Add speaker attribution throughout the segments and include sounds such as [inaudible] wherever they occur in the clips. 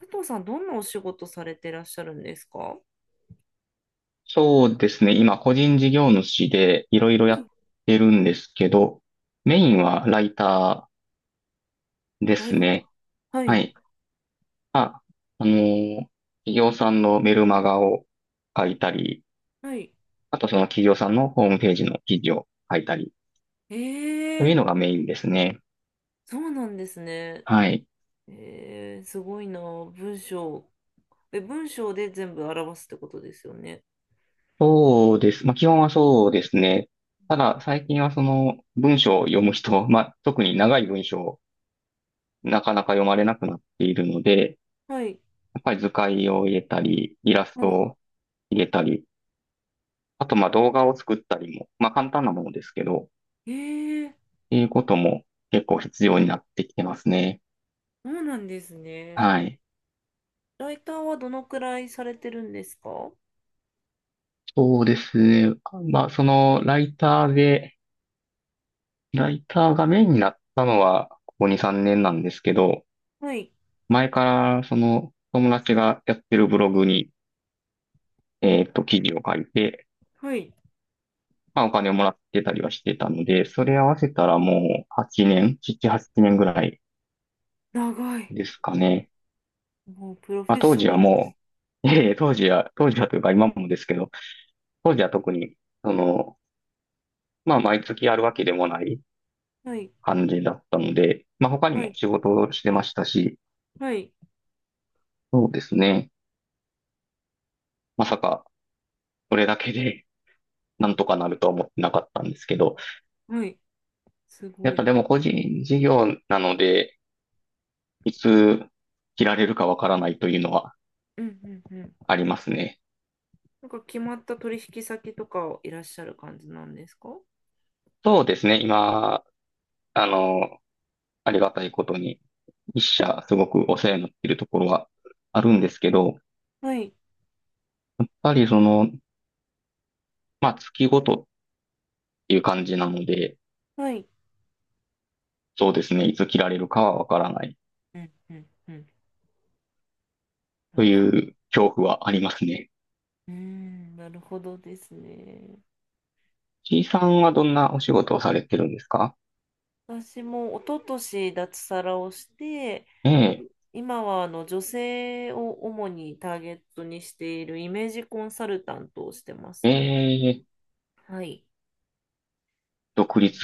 Speaker 1: 佐藤さん、どんなお仕事されてらっしゃるんですか？は
Speaker 2: そうですね。今、個人事業主でいろいろやっ
Speaker 1: い。
Speaker 2: てるんですけど、メインはライターで
Speaker 1: ラ
Speaker 2: す
Speaker 1: イター。
Speaker 2: ね。
Speaker 1: は
Speaker 2: は
Speaker 1: い。
Speaker 2: い。あ、あのー企業さんのメルマガを書いたり、
Speaker 1: はい。
Speaker 2: あとその企業さんのホームページの記事を書いたり、という
Speaker 1: え
Speaker 2: のが
Speaker 1: え、
Speaker 2: メインですね。
Speaker 1: そうなんですね。
Speaker 2: はい。
Speaker 1: ええ、すごいな。文章。え、文章で全部表すってことですよね。
Speaker 2: そうです。まあ、基本はそうですね。ただ、最近はその文章を読む人、まあ、特に長い文章をなかなか読まれなくなっているので、
Speaker 1: はい。
Speaker 2: やっぱり図解を入れたり、イラス
Speaker 1: は
Speaker 2: ト
Speaker 1: い。
Speaker 2: を入れたり、あとまあ動画を作ったりも、まあ簡単なものですけど、っ
Speaker 1: ええ、
Speaker 2: ていうことも結構必要になってきてますね。
Speaker 1: そうなんですね。
Speaker 2: はい。
Speaker 1: ライターはどのくらいされてるんですか？
Speaker 2: そうですね。まあそのライターで、ライターがメインになったのはここ2、3年なんですけど、
Speaker 1: はい。
Speaker 2: 前からその友達がやってるブログに、記事を書いて、
Speaker 1: はい。
Speaker 2: まあお金をもらってたりはしてたので、それ合わせたらもう8年、7、8年ぐらい
Speaker 1: 長い。
Speaker 2: ですかね。
Speaker 1: もうプロ
Speaker 2: ま
Speaker 1: フ
Speaker 2: あ、
Speaker 1: ェッ
Speaker 2: 当
Speaker 1: ショ
Speaker 2: 時
Speaker 1: ナ
Speaker 2: は
Speaker 1: ルです。
Speaker 2: もう、[laughs] いえいえ、当時は、当時はというか今もですけど、当時は特に、その、まあ、毎月あるわけでもない
Speaker 1: はい。
Speaker 2: 感じだったので、まあ、他に
Speaker 1: は
Speaker 2: も
Speaker 1: い。
Speaker 2: 仕事をしてましたし、
Speaker 1: はい。
Speaker 2: そうですね。まさか、それだけで [laughs]、なんとかなるとは思ってなかったんですけど、
Speaker 1: はい。す
Speaker 2: やっ
Speaker 1: ご
Speaker 2: ぱ
Speaker 1: い。
Speaker 2: でも個人事業なので、いつ切られるかわからないというのは
Speaker 1: うんうんうん。
Speaker 2: ありますね。
Speaker 1: なんか決まった取引先とかをいらっしゃる感じなんですか？
Speaker 2: そうですね。今、あの、ありがたいことに、一社すごくお世話になっているところはあるんですけど、
Speaker 1: はい、
Speaker 2: やっぱりその、まあ月ごとっていう感じなので、
Speaker 1: はい。
Speaker 2: そうですね、いつ切られるかはわからない
Speaker 1: うんうんうん。な
Speaker 2: と
Speaker 1: るほど。
Speaker 2: いう恐怖はありますね。
Speaker 1: うーん、なるほどですね。
Speaker 2: C さんはどんなお仕事をされてるんですか？
Speaker 1: 私も一昨年脱サラをして、
Speaker 2: ええ、
Speaker 1: 今はあの女性を主にターゲットにしているイメージコンサルタントをしてま
Speaker 2: え
Speaker 1: すね。
Speaker 2: え、
Speaker 1: はい。
Speaker 2: 独
Speaker 1: う
Speaker 2: 立。
Speaker 1: ん。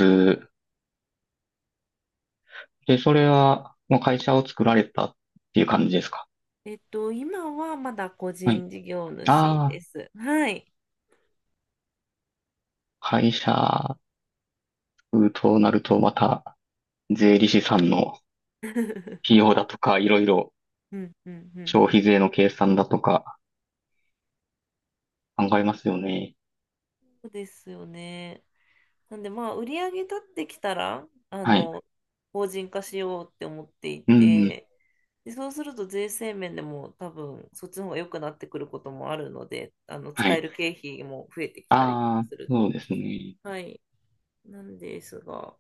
Speaker 2: で、それはもう会社を作られたっていう感じですか？
Speaker 1: 今はまだ個
Speaker 2: はい。
Speaker 1: 人事業主
Speaker 2: あ
Speaker 1: で
Speaker 2: あ、
Speaker 1: す。はい。
Speaker 2: 会社となるとまた税理士さんの
Speaker 1: [laughs]
Speaker 2: 費用だとか、いろいろ
Speaker 1: うんうんうん
Speaker 2: 消
Speaker 1: うん。
Speaker 2: 費税の計算だとか考えますよね。
Speaker 1: そうですよね。なんでまあ売り上げ立ってきたら
Speaker 2: はい。
Speaker 1: 法人化しようって思ってい
Speaker 2: うん。
Speaker 1: て、でそうすると税制面でも多分そっちの方が良くなってくることもあるので、
Speaker 2: は
Speaker 1: 使え
Speaker 2: い。
Speaker 1: る経費も増えてきたりとか
Speaker 2: ああ、
Speaker 1: する
Speaker 2: そう
Speaker 1: と、
Speaker 2: ですね。
Speaker 1: はい。なんですが、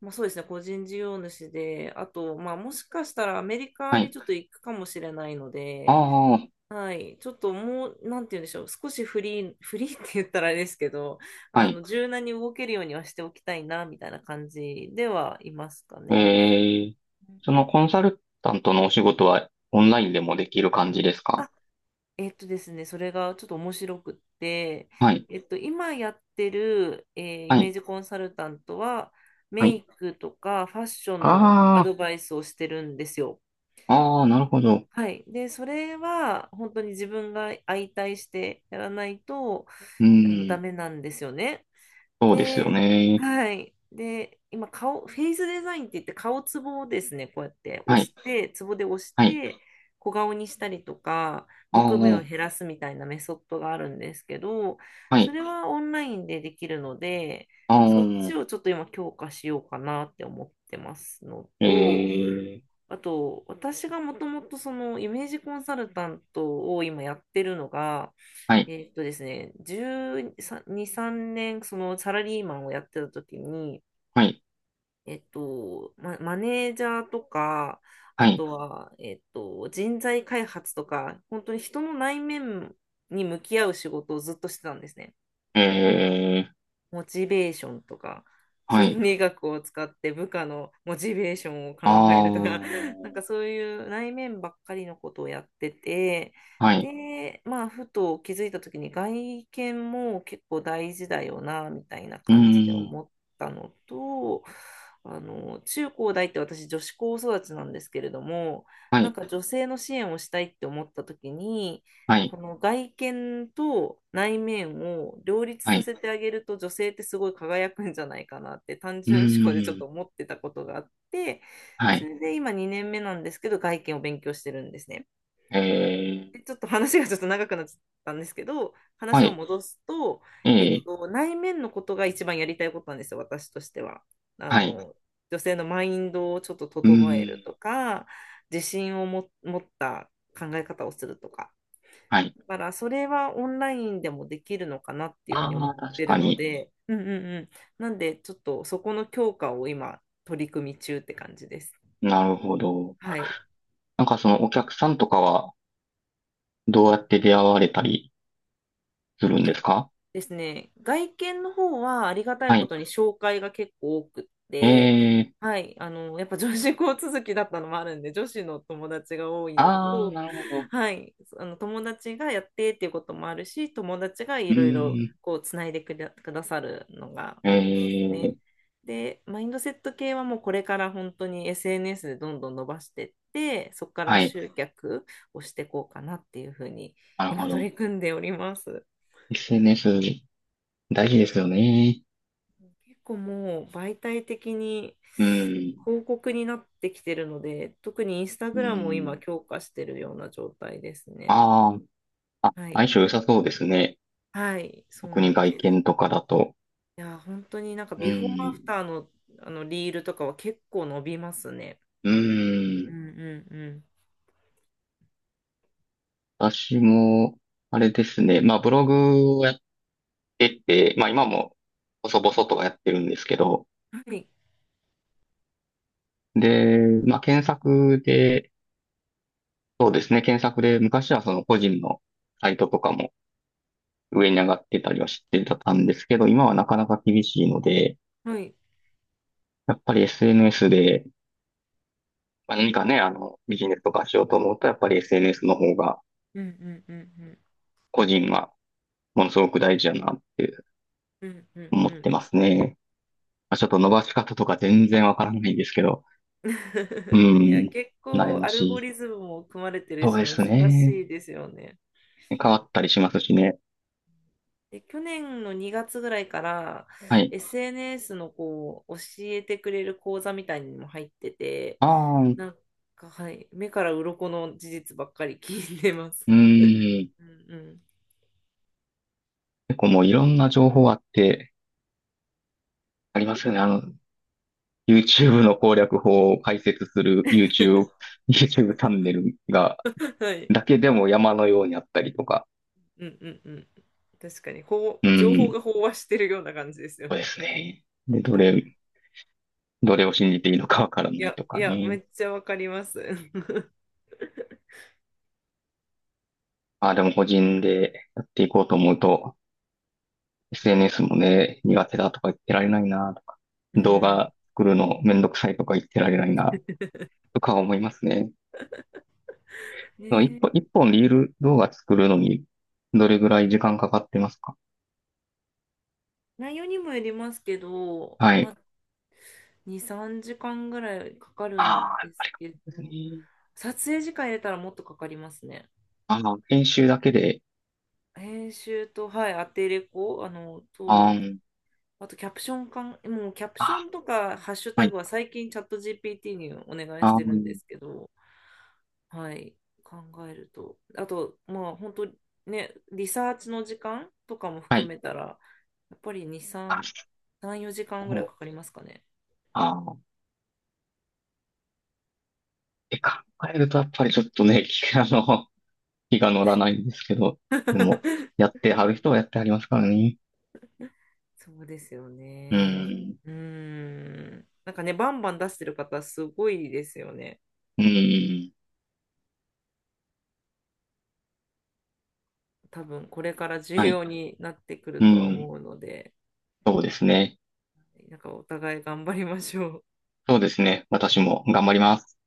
Speaker 1: まあ、そうですね、個人事業主で、あとまあもしかしたらアメリカ
Speaker 2: は
Speaker 1: に
Speaker 2: い。
Speaker 1: ちょっと行くかもしれないの
Speaker 2: あ
Speaker 1: で、
Speaker 2: あ、
Speaker 1: はい。ちょっともう、なんて言うんでしょう。少しフリー、[laughs] フリーって言ったらあれですけど、
Speaker 2: はい。
Speaker 1: 柔軟に動けるようにはしておきたいな、みたいな感じではいますかね。
Speaker 2: ええ、そのコンサルタントのお仕事はオンラインでもできる感じですか？
Speaker 1: あ、ですね、それがちょっと面白くって、
Speaker 2: はい。
Speaker 1: 今やってる、イ
Speaker 2: は
Speaker 1: メー
Speaker 2: い。
Speaker 1: ジコンサルタントは、
Speaker 2: は
Speaker 1: メ
Speaker 2: い。
Speaker 1: イクとかファッションのア
Speaker 2: あ
Speaker 1: ドバイスをしてるんですよ。
Speaker 2: あ、ああ、なるほど。
Speaker 1: はい。で、それは本当に自分が相対してやらないと、
Speaker 2: う
Speaker 1: ダ
Speaker 2: ん、
Speaker 1: メなんですよね。
Speaker 2: そうですよ
Speaker 1: で、
Speaker 2: ね。
Speaker 1: はい。で、今フェイスデザインって言って顔ツボをですね、こうやって
Speaker 2: は
Speaker 1: 押し
Speaker 2: い。
Speaker 1: て、ツボで押し
Speaker 2: はい。
Speaker 1: て、小顔にしたりとか、
Speaker 2: あ
Speaker 1: むくみ
Speaker 2: あ、
Speaker 1: を減らすみたいなメソッドがあるんですけど、
Speaker 2: は
Speaker 1: そ
Speaker 2: い。
Speaker 1: れはオンラインでできるので、
Speaker 2: あ
Speaker 1: そっ
Speaker 2: あ、
Speaker 1: ちをちょっと今強化しようかなって思ってますの
Speaker 2: え
Speaker 1: と、
Speaker 2: え、
Speaker 1: あと、私がもともとそのイメージコンサルタントを今やってるのが、
Speaker 2: はい。
Speaker 1: ですね、12、3年そのサラリーマンをやってた時に、
Speaker 2: はい。
Speaker 1: マネージャーとか、あ
Speaker 2: はい。
Speaker 1: とは、人材開発とか、本当に人の内面に向き合う仕事をずっとしてたんですね。
Speaker 2: ええ、
Speaker 1: モチベーションとか、
Speaker 2: は
Speaker 1: 心
Speaker 2: い。
Speaker 1: 理学を使って部下のモチベーションを考え
Speaker 2: あ
Speaker 1: るとか、
Speaker 2: あ、
Speaker 1: [laughs] なんかそういう内面ばっかりのことをやってて、
Speaker 2: はい。
Speaker 1: で、まあ、ふと気づいた時に外見も結構大事だよな、みたいな
Speaker 2: う
Speaker 1: 感じで
Speaker 2: ん、
Speaker 1: 思ったのと、中高大って私女子高育ちなんですけれども、
Speaker 2: は
Speaker 1: なん
Speaker 2: い。
Speaker 1: か女性の支援をしたいって思った時に、
Speaker 2: は
Speaker 1: こ
Speaker 2: い。
Speaker 1: の外見と内面を両立
Speaker 2: は
Speaker 1: さ
Speaker 2: い。
Speaker 1: せてあげると女性ってすごい輝くんじゃないかなって単
Speaker 2: う
Speaker 1: 純思考でちょっと
Speaker 2: ん、
Speaker 1: 思ってたことがあって、
Speaker 2: は
Speaker 1: そ
Speaker 2: い。
Speaker 1: れで今2年目なんですけど外見を勉強してるんですね。
Speaker 2: ええ。
Speaker 1: で、ちょっと話がちょっと長くなっちゃったんですけど、
Speaker 2: は
Speaker 1: 話を
Speaker 2: い。
Speaker 1: 戻すと、
Speaker 2: ええ、
Speaker 1: 内面のことが一番やりたいことなんですよ、私としては。あ
Speaker 2: はい。
Speaker 1: の、女性のマインドをちょっと
Speaker 2: う
Speaker 1: 整える
Speaker 2: ーん。
Speaker 1: とか、自信をも持った考え方をするとか。
Speaker 2: はい。
Speaker 1: だからそれはオンラインでもできるのかなっていうふうに
Speaker 2: あ
Speaker 1: 思
Speaker 2: あ、
Speaker 1: っ
Speaker 2: 確
Speaker 1: てる
Speaker 2: か
Speaker 1: の
Speaker 2: に。
Speaker 1: で、うんうんうん。なんでちょっとそこの強化を今取り組み中って感じです。
Speaker 2: なるほど。
Speaker 1: はい。
Speaker 2: なんかそのお客さんとかはどうやって出会われたりするん
Speaker 1: えっ
Speaker 2: ですか？
Speaker 1: ですね、外見の方はありがたい
Speaker 2: は
Speaker 1: こ
Speaker 2: い。
Speaker 1: とに紹介が結構多くっ
Speaker 2: え
Speaker 1: て、
Speaker 2: え、
Speaker 1: はい、やっぱ女子校続きだったのもあるんで、女子の友達が多いの
Speaker 2: ああ、
Speaker 1: と、
Speaker 2: なるほど。
Speaker 1: はい、あの友達がやってっていうこともあるし、友達がい
Speaker 2: う
Speaker 1: ろいろ
Speaker 2: ーん。
Speaker 1: こうつないでくださるのが
Speaker 2: え
Speaker 1: 多いですね。
Speaker 2: え、
Speaker 1: で、マインドセット系はもうこれから本当に SNS でどんどん伸ばしてって、そこから
Speaker 2: はい。
Speaker 1: 集客をしていこうかなっていうふうに
Speaker 2: なる
Speaker 1: 今
Speaker 2: ほ
Speaker 1: 取
Speaker 2: ど。
Speaker 1: り組んでおります。
Speaker 2: SNS 大事ですよね。
Speaker 1: 結構もう媒体的に
Speaker 2: うん。
Speaker 1: 広告になってきてるので、特にインスタ
Speaker 2: う
Speaker 1: グラムを今
Speaker 2: ん。
Speaker 1: 強化してるような状態ですね。
Speaker 2: ああ、
Speaker 1: はい。
Speaker 2: 相性良さそうですね。
Speaker 1: はい、そう
Speaker 2: 特
Speaker 1: な
Speaker 2: に
Speaker 1: ん
Speaker 2: 外
Speaker 1: です。
Speaker 2: 見とかだと。
Speaker 1: いや、本当になんか
Speaker 2: う
Speaker 1: ビフォーアフタ
Speaker 2: ん。
Speaker 1: ーの、あのリールとかは結構伸びますね。
Speaker 2: う
Speaker 1: う
Speaker 2: ん。
Speaker 1: んうんうん。
Speaker 2: 私も、あれですね。まあ、ブログをやってて、まあ、今も、細々とはやってるんですけど、
Speaker 1: はい、
Speaker 2: で、まあ、検索で、そうですね、検索で、昔はその個人のサイトとかも上に上がってたりはしてたんですけど、今はなかなか厳しいので、
Speaker 1: はい。
Speaker 2: やっぱり SNS で、まあ、何かね、あの、ビジネスとかしようと思うと、やっぱり SNS の方が、
Speaker 1: うんうんうんうん。
Speaker 2: 個人はものすごく大事だなって
Speaker 1: うんうん
Speaker 2: 思
Speaker 1: う
Speaker 2: って
Speaker 1: ん。
Speaker 2: ますね。まあ、ちょっと伸ばし方とか全然わからないんですけど、う
Speaker 1: [laughs] いや、
Speaker 2: ん。
Speaker 1: 結
Speaker 2: 悩
Speaker 1: 構
Speaker 2: ま
Speaker 1: ア
Speaker 2: し
Speaker 1: ルゴ
Speaker 2: い。
Speaker 1: リズムも組まれてる
Speaker 2: そう
Speaker 1: し
Speaker 2: で
Speaker 1: 難
Speaker 2: すね。
Speaker 1: しいですよね。
Speaker 2: 変わったりしますしね。
Speaker 1: で、去年の2月ぐらいから
Speaker 2: はい。
Speaker 1: SNS のこう教えてくれる講座みたいにも入ってて、
Speaker 2: ああ、
Speaker 1: なんかはい、目から鱗の事実ばっかり聞いてま
Speaker 2: う
Speaker 1: す。
Speaker 2: ん。
Speaker 1: [laughs] うんうん。
Speaker 2: 結構もういろんな情報あって、ありますよね。あの、YouTube の攻略法を解説する YouTube チャンネルが、
Speaker 1: [laughs] はい。
Speaker 2: だけでも山のようにあったりとか。
Speaker 1: うんうんうん。確かに、こ
Speaker 2: う
Speaker 1: う、情報
Speaker 2: ん。
Speaker 1: が飽和してるような感じですよ
Speaker 2: そうで
Speaker 1: ね。
Speaker 2: すね。で、どれを信じていいのかわから
Speaker 1: [laughs] い
Speaker 2: ない
Speaker 1: や、
Speaker 2: と
Speaker 1: い
Speaker 2: か
Speaker 1: や、め
Speaker 2: ね。
Speaker 1: っちゃわかります。[laughs]
Speaker 2: ああ、でも個人でやっていこうと思うと、SNS もね、苦手だとか言ってられないなとか、
Speaker 1: う
Speaker 2: 動
Speaker 1: ん。
Speaker 2: 画作るのめんどくさいとか言ってられないなとか思いますね。その一
Speaker 1: ね
Speaker 2: 本、一
Speaker 1: え、
Speaker 2: 本リール動画作るのにどれぐらい時間かかってますか？
Speaker 1: 内容にもよりますけど、
Speaker 2: は
Speaker 1: ま
Speaker 2: い。
Speaker 1: あ、2、3時間ぐらいかかる
Speaker 2: あ
Speaker 1: ん
Speaker 2: あ、
Speaker 1: ですけ
Speaker 2: そうです
Speaker 1: ど、
Speaker 2: ね。
Speaker 1: 撮影時間入れたらもっとかかりますね。
Speaker 2: あの、編集だけで、
Speaker 1: 編集と、はい、アテレコ、
Speaker 2: あー
Speaker 1: と、
Speaker 2: ん
Speaker 1: あとキャプションかん、もうキャプショ
Speaker 2: あ
Speaker 1: ンとかハッシュ
Speaker 2: ー、は
Speaker 1: タ
Speaker 2: い、
Speaker 1: グは最近チャット GPT にお願いし
Speaker 2: あー
Speaker 1: てるんで
Speaker 2: ん
Speaker 1: すけど、はい、考えると。あと、まあ、本当ね、リサーチの時間とかも
Speaker 2: は
Speaker 1: 含
Speaker 2: い、
Speaker 1: めたら、やっぱり2、
Speaker 2: あ、
Speaker 1: 3、3、4時間ぐ
Speaker 2: も
Speaker 1: らいかか
Speaker 2: う、
Speaker 1: りますかね。
Speaker 2: あー、って考えるとやっぱりちょっとね、[laughs] 気あの、気が乗らないんですけど、でも、
Speaker 1: [laughs]
Speaker 2: やってはる人はやってはりますからね。
Speaker 1: そうですよ
Speaker 2: う
Speaker 1: ね。
Speaker 2: ーん。
Speaker 1: うーん。なんかね、バンバン出してる方、すごいですよね。
Speaker 2: うーん。
Speaker 1: 多分、これから重
Speaker 2: はい。
Speaker 1: 要になってくる
Speaker 2: う
Speaker 1: とは
Speaker 2: ん。
Speaker 1: 思うので、
Speaker 2: そうですね。
Speaker 1: なんかお互い頑張りましょう。
Speaker 2: そうですね。私も頑張ります。